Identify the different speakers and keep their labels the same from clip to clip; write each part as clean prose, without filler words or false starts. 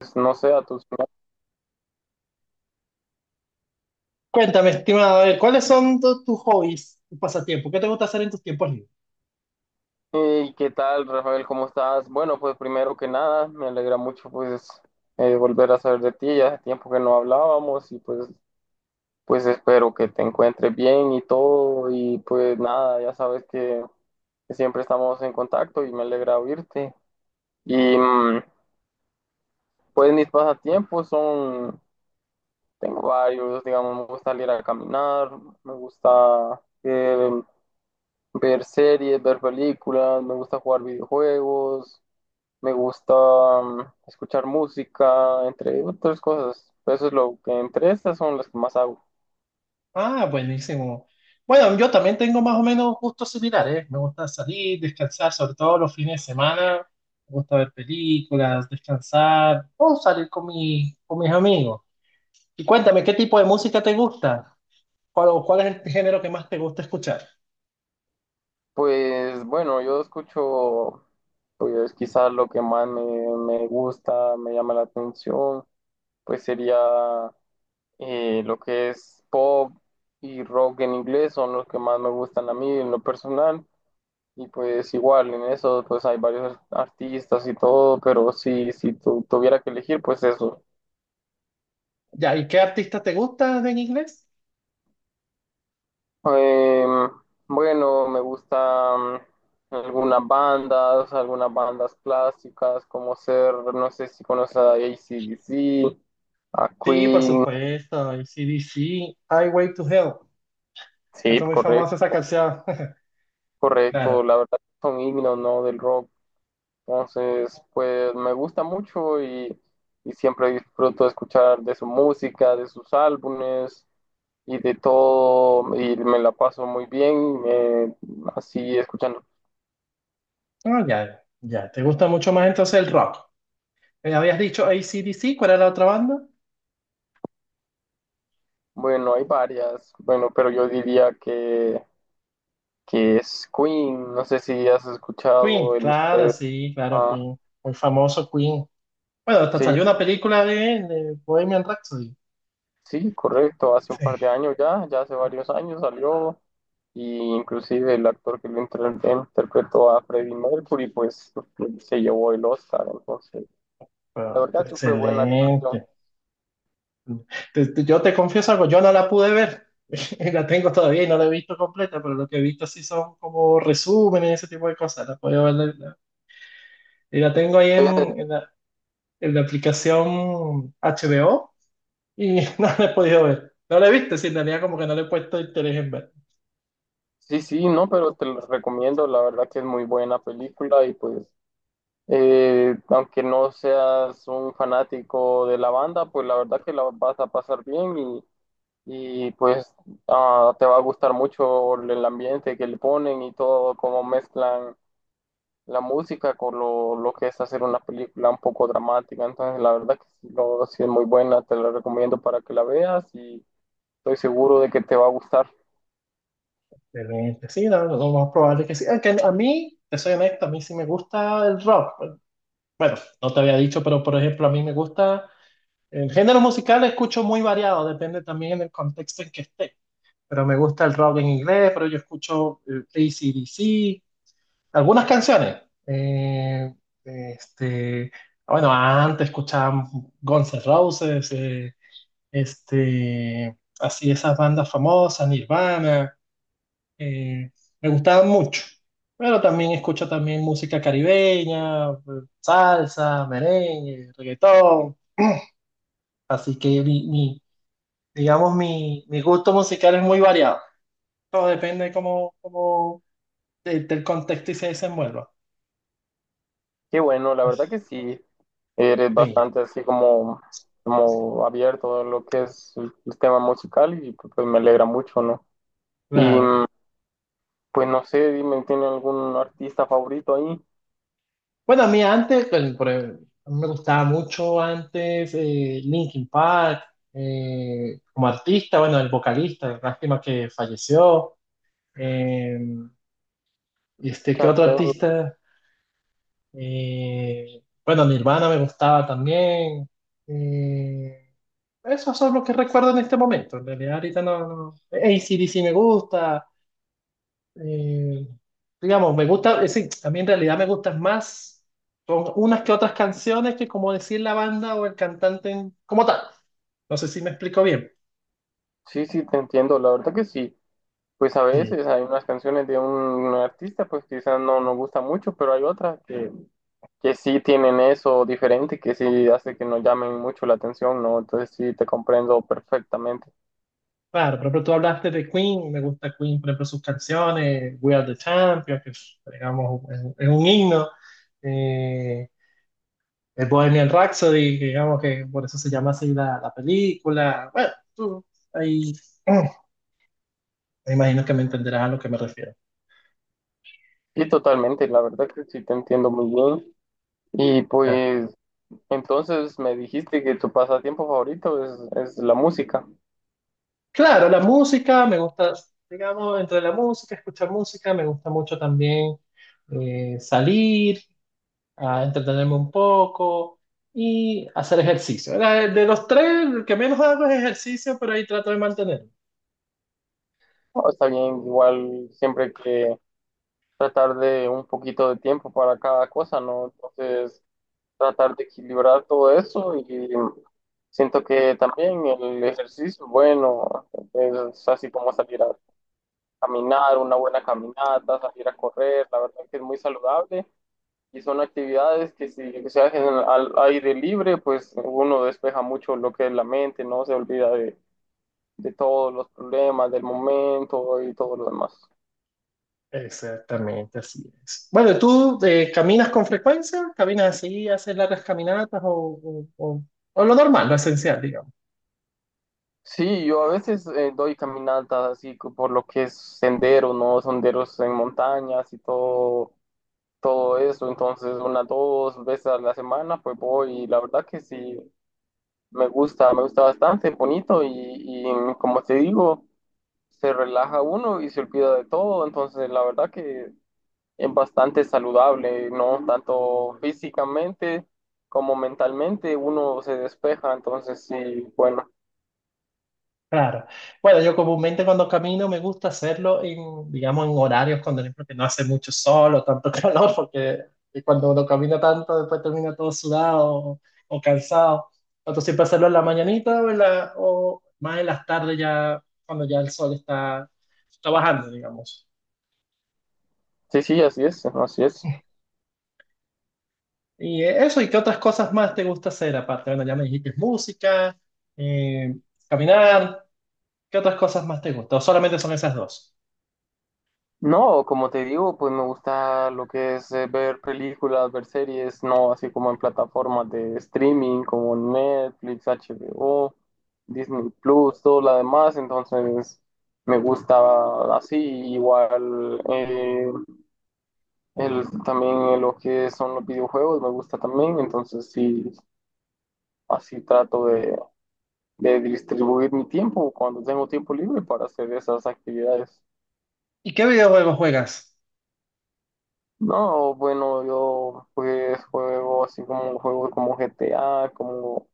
Speaker 1: Pues, no sé, a tus...
Speaker 2: Cuéntame, estimado, a ver, ¿cuáles son tus hobbies, tus pasatiempos? ¿Qué te gusta hacer en tus tiempos libres?
Speaker 1: ¿Y qué tal, Rafael? ¿Cómo estás? Bueno, pues primero que nada, me alegra mucho pues volver a saber de ti. Ya hace tiempo que no hablábamos y pues, pues espero que te encuentres bien y todo. Y pues nada, ya sabes que siempre estamos en contacto y me alegra oírte. Y pues mis pasatiempos son, tengo varios, digamos, me gusta salir a caminar, me gusta ver series, ver películas, me gusta jugar videojuegos. Me gusta escuchar música, entre otras cosas. Eso es lo que entre estas son las que más hago.
Speaker 2: Ah, buenísimo. Bueno, yo también tengo más o menos gustos similares, ¿eh? Me gusta salir, descansar, sobre todo los fines de semana. Me gusta ver películas, descansar o salir con mis amigos. Y cuéntame, ¿qué tipo de música te gusta? ¿Cuál, o cuál es el género que más te gusta escuchar?
Speaker 1: Pues bueno, yo escucho, pues quizás lo que más me gusta, me llama la atención, pues sería lo que es pop y rock en inglés, son los que más me gustan a mí en lo personal. Y pues igual en eso, pues hay varios artistas y todo, pero si tuviera que elegir, pues eso.
Speaker 2: Ya, ¿y qué artista te gusta en inglés?
Speaker 1: Em, bueno, me gustan algunas bandas clásicas, como ser, no sé si conoces a AC/DC, a
Speaker 2: Sí, por
Speaker 1: Queen.
Speaker 2: supuesto, AC/DC, Highway to Hell. Esa es
Speaker 1: Sí,
Speaker 2: muy famosa esa
Speaker 1: correcto,
Speaker 2: canción. Claro.
Speaker 1: correcto. La verdad son himnos, ¿no? Del rock. Entonces, pues me gusta mucho y siempre disfruto de escuchar de su música, de sus álbumes y de todo. Y me la paso muy bien, así escuchando.
Speaker 2: No, ya, ya. ¿Te gusta mucho más entonces el rock? Habías dicho AC/DC, ¿cuál era la otra banda?
Speaker 1: Bueno, hay varias. Bueno, pero yo diría que es Queen. No sé si has
Speaker 2: Queen,
Speaker 1: escuchado el nombre
Speaker 2: claro,
Speaker 1: de
Speaker 2: sí, claro,
Speaker 1: esa-
Speaker 2: Queen. Muy famoso Queen. Bueno, hasta
Speaker 1: Sí,
Speaker 2: salió una película de Bohemian Rhapsody.
Speaker 1: sí, correcto. Hace un
Speaker 2: Sí.
Speaker 1: par de años ya, ya hace varios años salió. Y inclusive el actor que lo interpretó a Freddie Mercury, pues se llevó el Oscar. Entonces, la
Speaker 2: Pero,
Speaker 1: verdad que fue buena actuación.
Speaker 2: excelente. Yo te confieso algo, yo no la pude ver. La tengo todavía y no la he visto completa, pero lo que he visto sí son como resúmenes y ese tipo de cosas. La puedo ver, y la tengo ahí
Speaker 1: Eh,
Speaker 2: en la aplicación HBO. Y no la he podido ver. No la he visto, sí, en realidad como que no le he puesto interés en ver.
Speaker 1: sí, sí, no, pero te lo recomiendo. La verdad que es muy buena película y pues aunque no seas un fanático de la banda, pues la verdad que la vas a pasar bien y, pues te va a gustar mucho el ambiente que le ponen y todo, cómo mezclan la música con lo que es hacer una película un poco dramática. Entonces, la verdad que sí, sí es muy buena, te la recomiendo para que la veas y estoy seguro de que te va a gustar.
Speaker 2: Excelente. Sí, no, no, lo más probable es que sí. Aunque a mí, te soy honesto, a mí sí me gusta el rock. Bueno, no te había dicho, pero por ejemplo, a mí me gusta el género musical, escucho muy variado, depende también en el contexto en que esté. Pero me gusta el rock en inglés, pero yo escucho AC/DC, algunas canciones. Eh, este, bueno, antes escuchaba Guns N' Roses, así esas bandas famosas, Nirvana, eh, me gustaban mucho. Pero también escucho también música caribeña, salsa, merengue, reggaetón. Así que digamos, mi gusto musical es muy variado. Todo depende de cómo del contexto y se desenvuelva.
Speaker 1: Qué bueno, la verdad que
Speaker 2: Pues,
Speaker 1: sí. Eres
Speaker 2: sí,
Speaker 1: bastante así como, como abierto a lo que es el tema musical y pues me alegra mucho, ¿no? Y
Speaker 2: claro.
Speaker 1: pues no sé, dime, ¿tiene algún artista favorito ahí?
Speaker 2: Bueno, a mí antes, pues, por ejemplo, a mí me gustaba mucho antes Linkin Park, como artista, bueno, el vocalista, lástima que falleció. eh, ¿Qué
Speaker 1: Chad
Speaker 2: otro
Speaker 1: Bennett.
Speaker 2: artista? Bueno, Nirvana me gustaba también. eh, Esos son los que recuerdo en este momento. En realidad, ahorita no, no. AC/DC me gusta, eh, digamos, me gusta, es decir, a mí en realidad me gustan más, son unas que otras canciones que como decir la banda o el cantante como tal. No sé si me explico bien.
Speaker 1: Sí, sí, te entiendo, la verdad que sí. Pues a
Speaker 2: Sí.
Speaker 1: veces hay unas canciones de un artista, pues quizás no nos gusta mucho, pero hay otras que sí tienen eso diferente, que sí hace que nos llamen mucho la atención, ¿no? Entonces sí, te comprendo perfectamente.
Speaker 2: Claro, por ejemplo, tú hablaste de Queen, me gusta Queen, por ejemplo, sus canciones, We Are the Champions, que es, digamos, es un himno, eh, el Bohemian Rhapsody, que digamos que por eso se llama así la, la película. Bueno, tú ahí me imagino que me entenderás a lo que me refiero.
Speaker 1: Y totalmente, la verdad que sí te entiendo muy bien. Y pues entonces me dijiste que tu pasatiempo favorito es la música.
Speaker 2: Claro, la música, me gusta, digamos, entre la música, escuchar música, me gusta mucho también salir, a entretenerme un poco y hacer ejercicio. De los tres, el que menos hago es ejercicio, pero ahí trato de mantenerlo.
Speaker 1: Oh, está bien, igual siempre que tratar de un poquito de tiempo para cada cosa, ¿no? Entonces tratar de equilibrar todo eso y siento que también el ejercicio, bueno, es así como salir a caminar, una buena caminata, salir a correr, la verdad que es muy saludable y son actividades que si se hacen al aire libre, pues uno despeja mucho lo que es la mente, no se olvida de todos los problemas del momento y todo lo demás.
Speaker 2: Exactamente, así es. Bueno, ¿tú caminas con frecuencia? ¿Caminas así, haces largas caminatas o, o lo normal, lo esencial, digamos?
Speaker 1: Sí, yo a veces doy caminatas así por lo que es sendero, ¿no? Senderos en montañas y todo, todo eso. Entonces, una, dos veces a la semana, pues voy y la verdad que sí, me gusta bastante, bonito y como te digo, se relaja uno y se olvida de todo. Entonces, la verdad que es bastante saludable, ¿no? Tanto físicamente como mentalmente uno se despeja, entonces sí, bueno,
Speaker 2: Claro. Bueno, yo comúnmente cuando camino me gusta hacerlo en, digamos, en horarios cuando por ejemplo, que no hace mucho sol o tanto calor, porque cuando uno camina tanto después termina todo sudado o cansado. Entonces siempre hacerlo en la mañanita o, o más en las tardes ya cuando ya el sol está, está bajando, digamos.
Speaker 1: sí, sí, así es, así es.
Speaker 2: Y eso, ¿y qué otras cosas más te gusta hacer aparte? Bueno, ya me dijiste música, eh, caminar, ¿qué otras cosas más te gusta? ¿O solamente son esas dos?
Speaker 1: No, como te digo, pues me gusta lo que es ver películas, ver series, no así como en plataformas de streaming como Netflix, HBO, Disney Plus, todo lo demás, entonces me gusta así, igual. También lo que son los videojuegos me gusta también, entonces sí, así trato de distribuir mi tiempo cuando tengo tiempo libre para hacer esas actividades.
Speaker 2: ¿Y qué videojuegos juegas?
Speaker 1: No, bueno, yo pues juego así como juegos como GTA como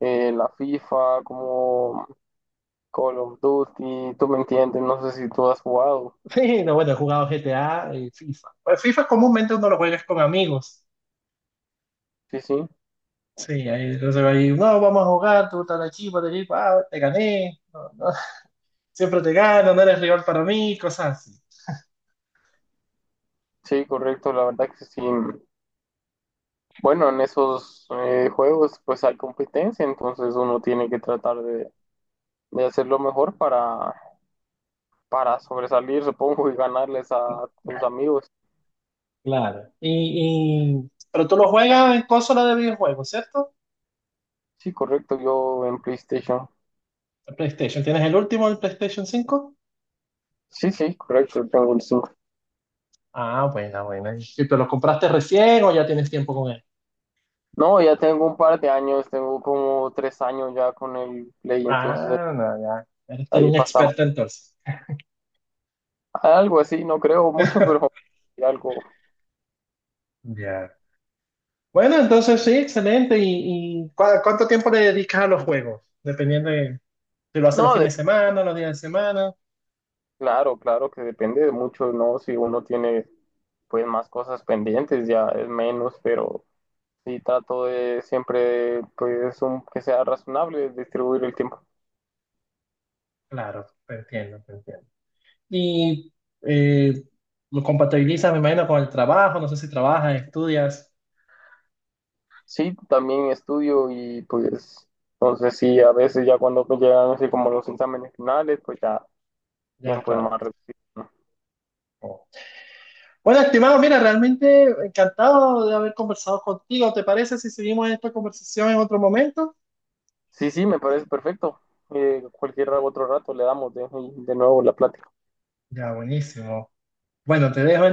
Speaker 1: la FIFA, como Call of Duty, tú me entiendes, no sé si tú has jugado.
Speaker 2: Sí, no, bueno, he jugado GTA y FIFA. Pues FIFA comúnmente uno lo juega con amigos.
Speaker 1: Sí, sí,
Speaker 2: Sí, ahí, entonces ahí, no, vamos a jugar, tú estás aquí, para allí, pa, te gané, no, no, siempre te gano, no eres rival para mí, cosas así.
Speaker 1: sí, correcto, la verdad que sí. Bueno, en esos juegos pues hay competencia, entonces uno tiene que tratar de hacer lo mejor para sobresalir, supongo, y ganarles a tus amigos.
Speaker 2: Claro. Pero tú lo juegas en consola de videojuegos, ¿cierto?
Speaker 1: Sí, correcto, yo en PlayStation.
Speaker 2: El PlayStation. ¿Tienes el último, el PlayStation 5?
Speaker 1: Sí, sí, correcto, tengo el 5.
Speaker 2: Ah, buena, buena. ¿Y tú lo compraste recién o ya tienes tiempo con él?
Speaker 1: No, ya tengo un par de años, tengo como tres años ya con el Play, entonces
Speaker 2: Ah, no, ya. Eres todo
Speaker 1: ahí
Speaker 2: un
Speaker 1: pasamos.
Speaker 2: experto entonces.
Speaker 1: Algo así, no creo mucho, pero algo.
Speaker 2: Ya. Bueno, entonces sí, excelente. ¿Y, cuánto tiempo le dedicas a los juegos? Dependiendo de si lo haces los
Speaker 1: No, de-
Speaker 2: fines de semana, los días de semana.
Speaker 1: claro, claro que depende de mucho, ¿no? Si uno tiene pues más cosas pendientes, ya es menos, pero sí trato de siempre pues que sea razonable distribuir el tiempo.
Speaker 2: Claro, te entiendo, te entiendo. Y eh, lo compatibilizas, me imagino, con el trabajo. No sé si trabajas, estudias.
Speaker 1: Sí, también estudio y pues entonces sí, a veces ya cuando pues, llegan así como los exámenes finales, pues ya
Speaker 2: Ya,
Speaker 1: tiempo es
Speaker 2: claro.
Speaker 1: más reducido, ¿no?
Speaker 2: Oh. Bueno, estimado, mira, realmente encantado de haber conversado contigo. ¿Te parece si seguimos esta conversación en otro momento?
Speaker 1: Sí, sí, me parece perfecto. Cualquier otro rato le damos de nuevo la plática.
Speaker 2: Ya, buenísimo. Bueno, te dejo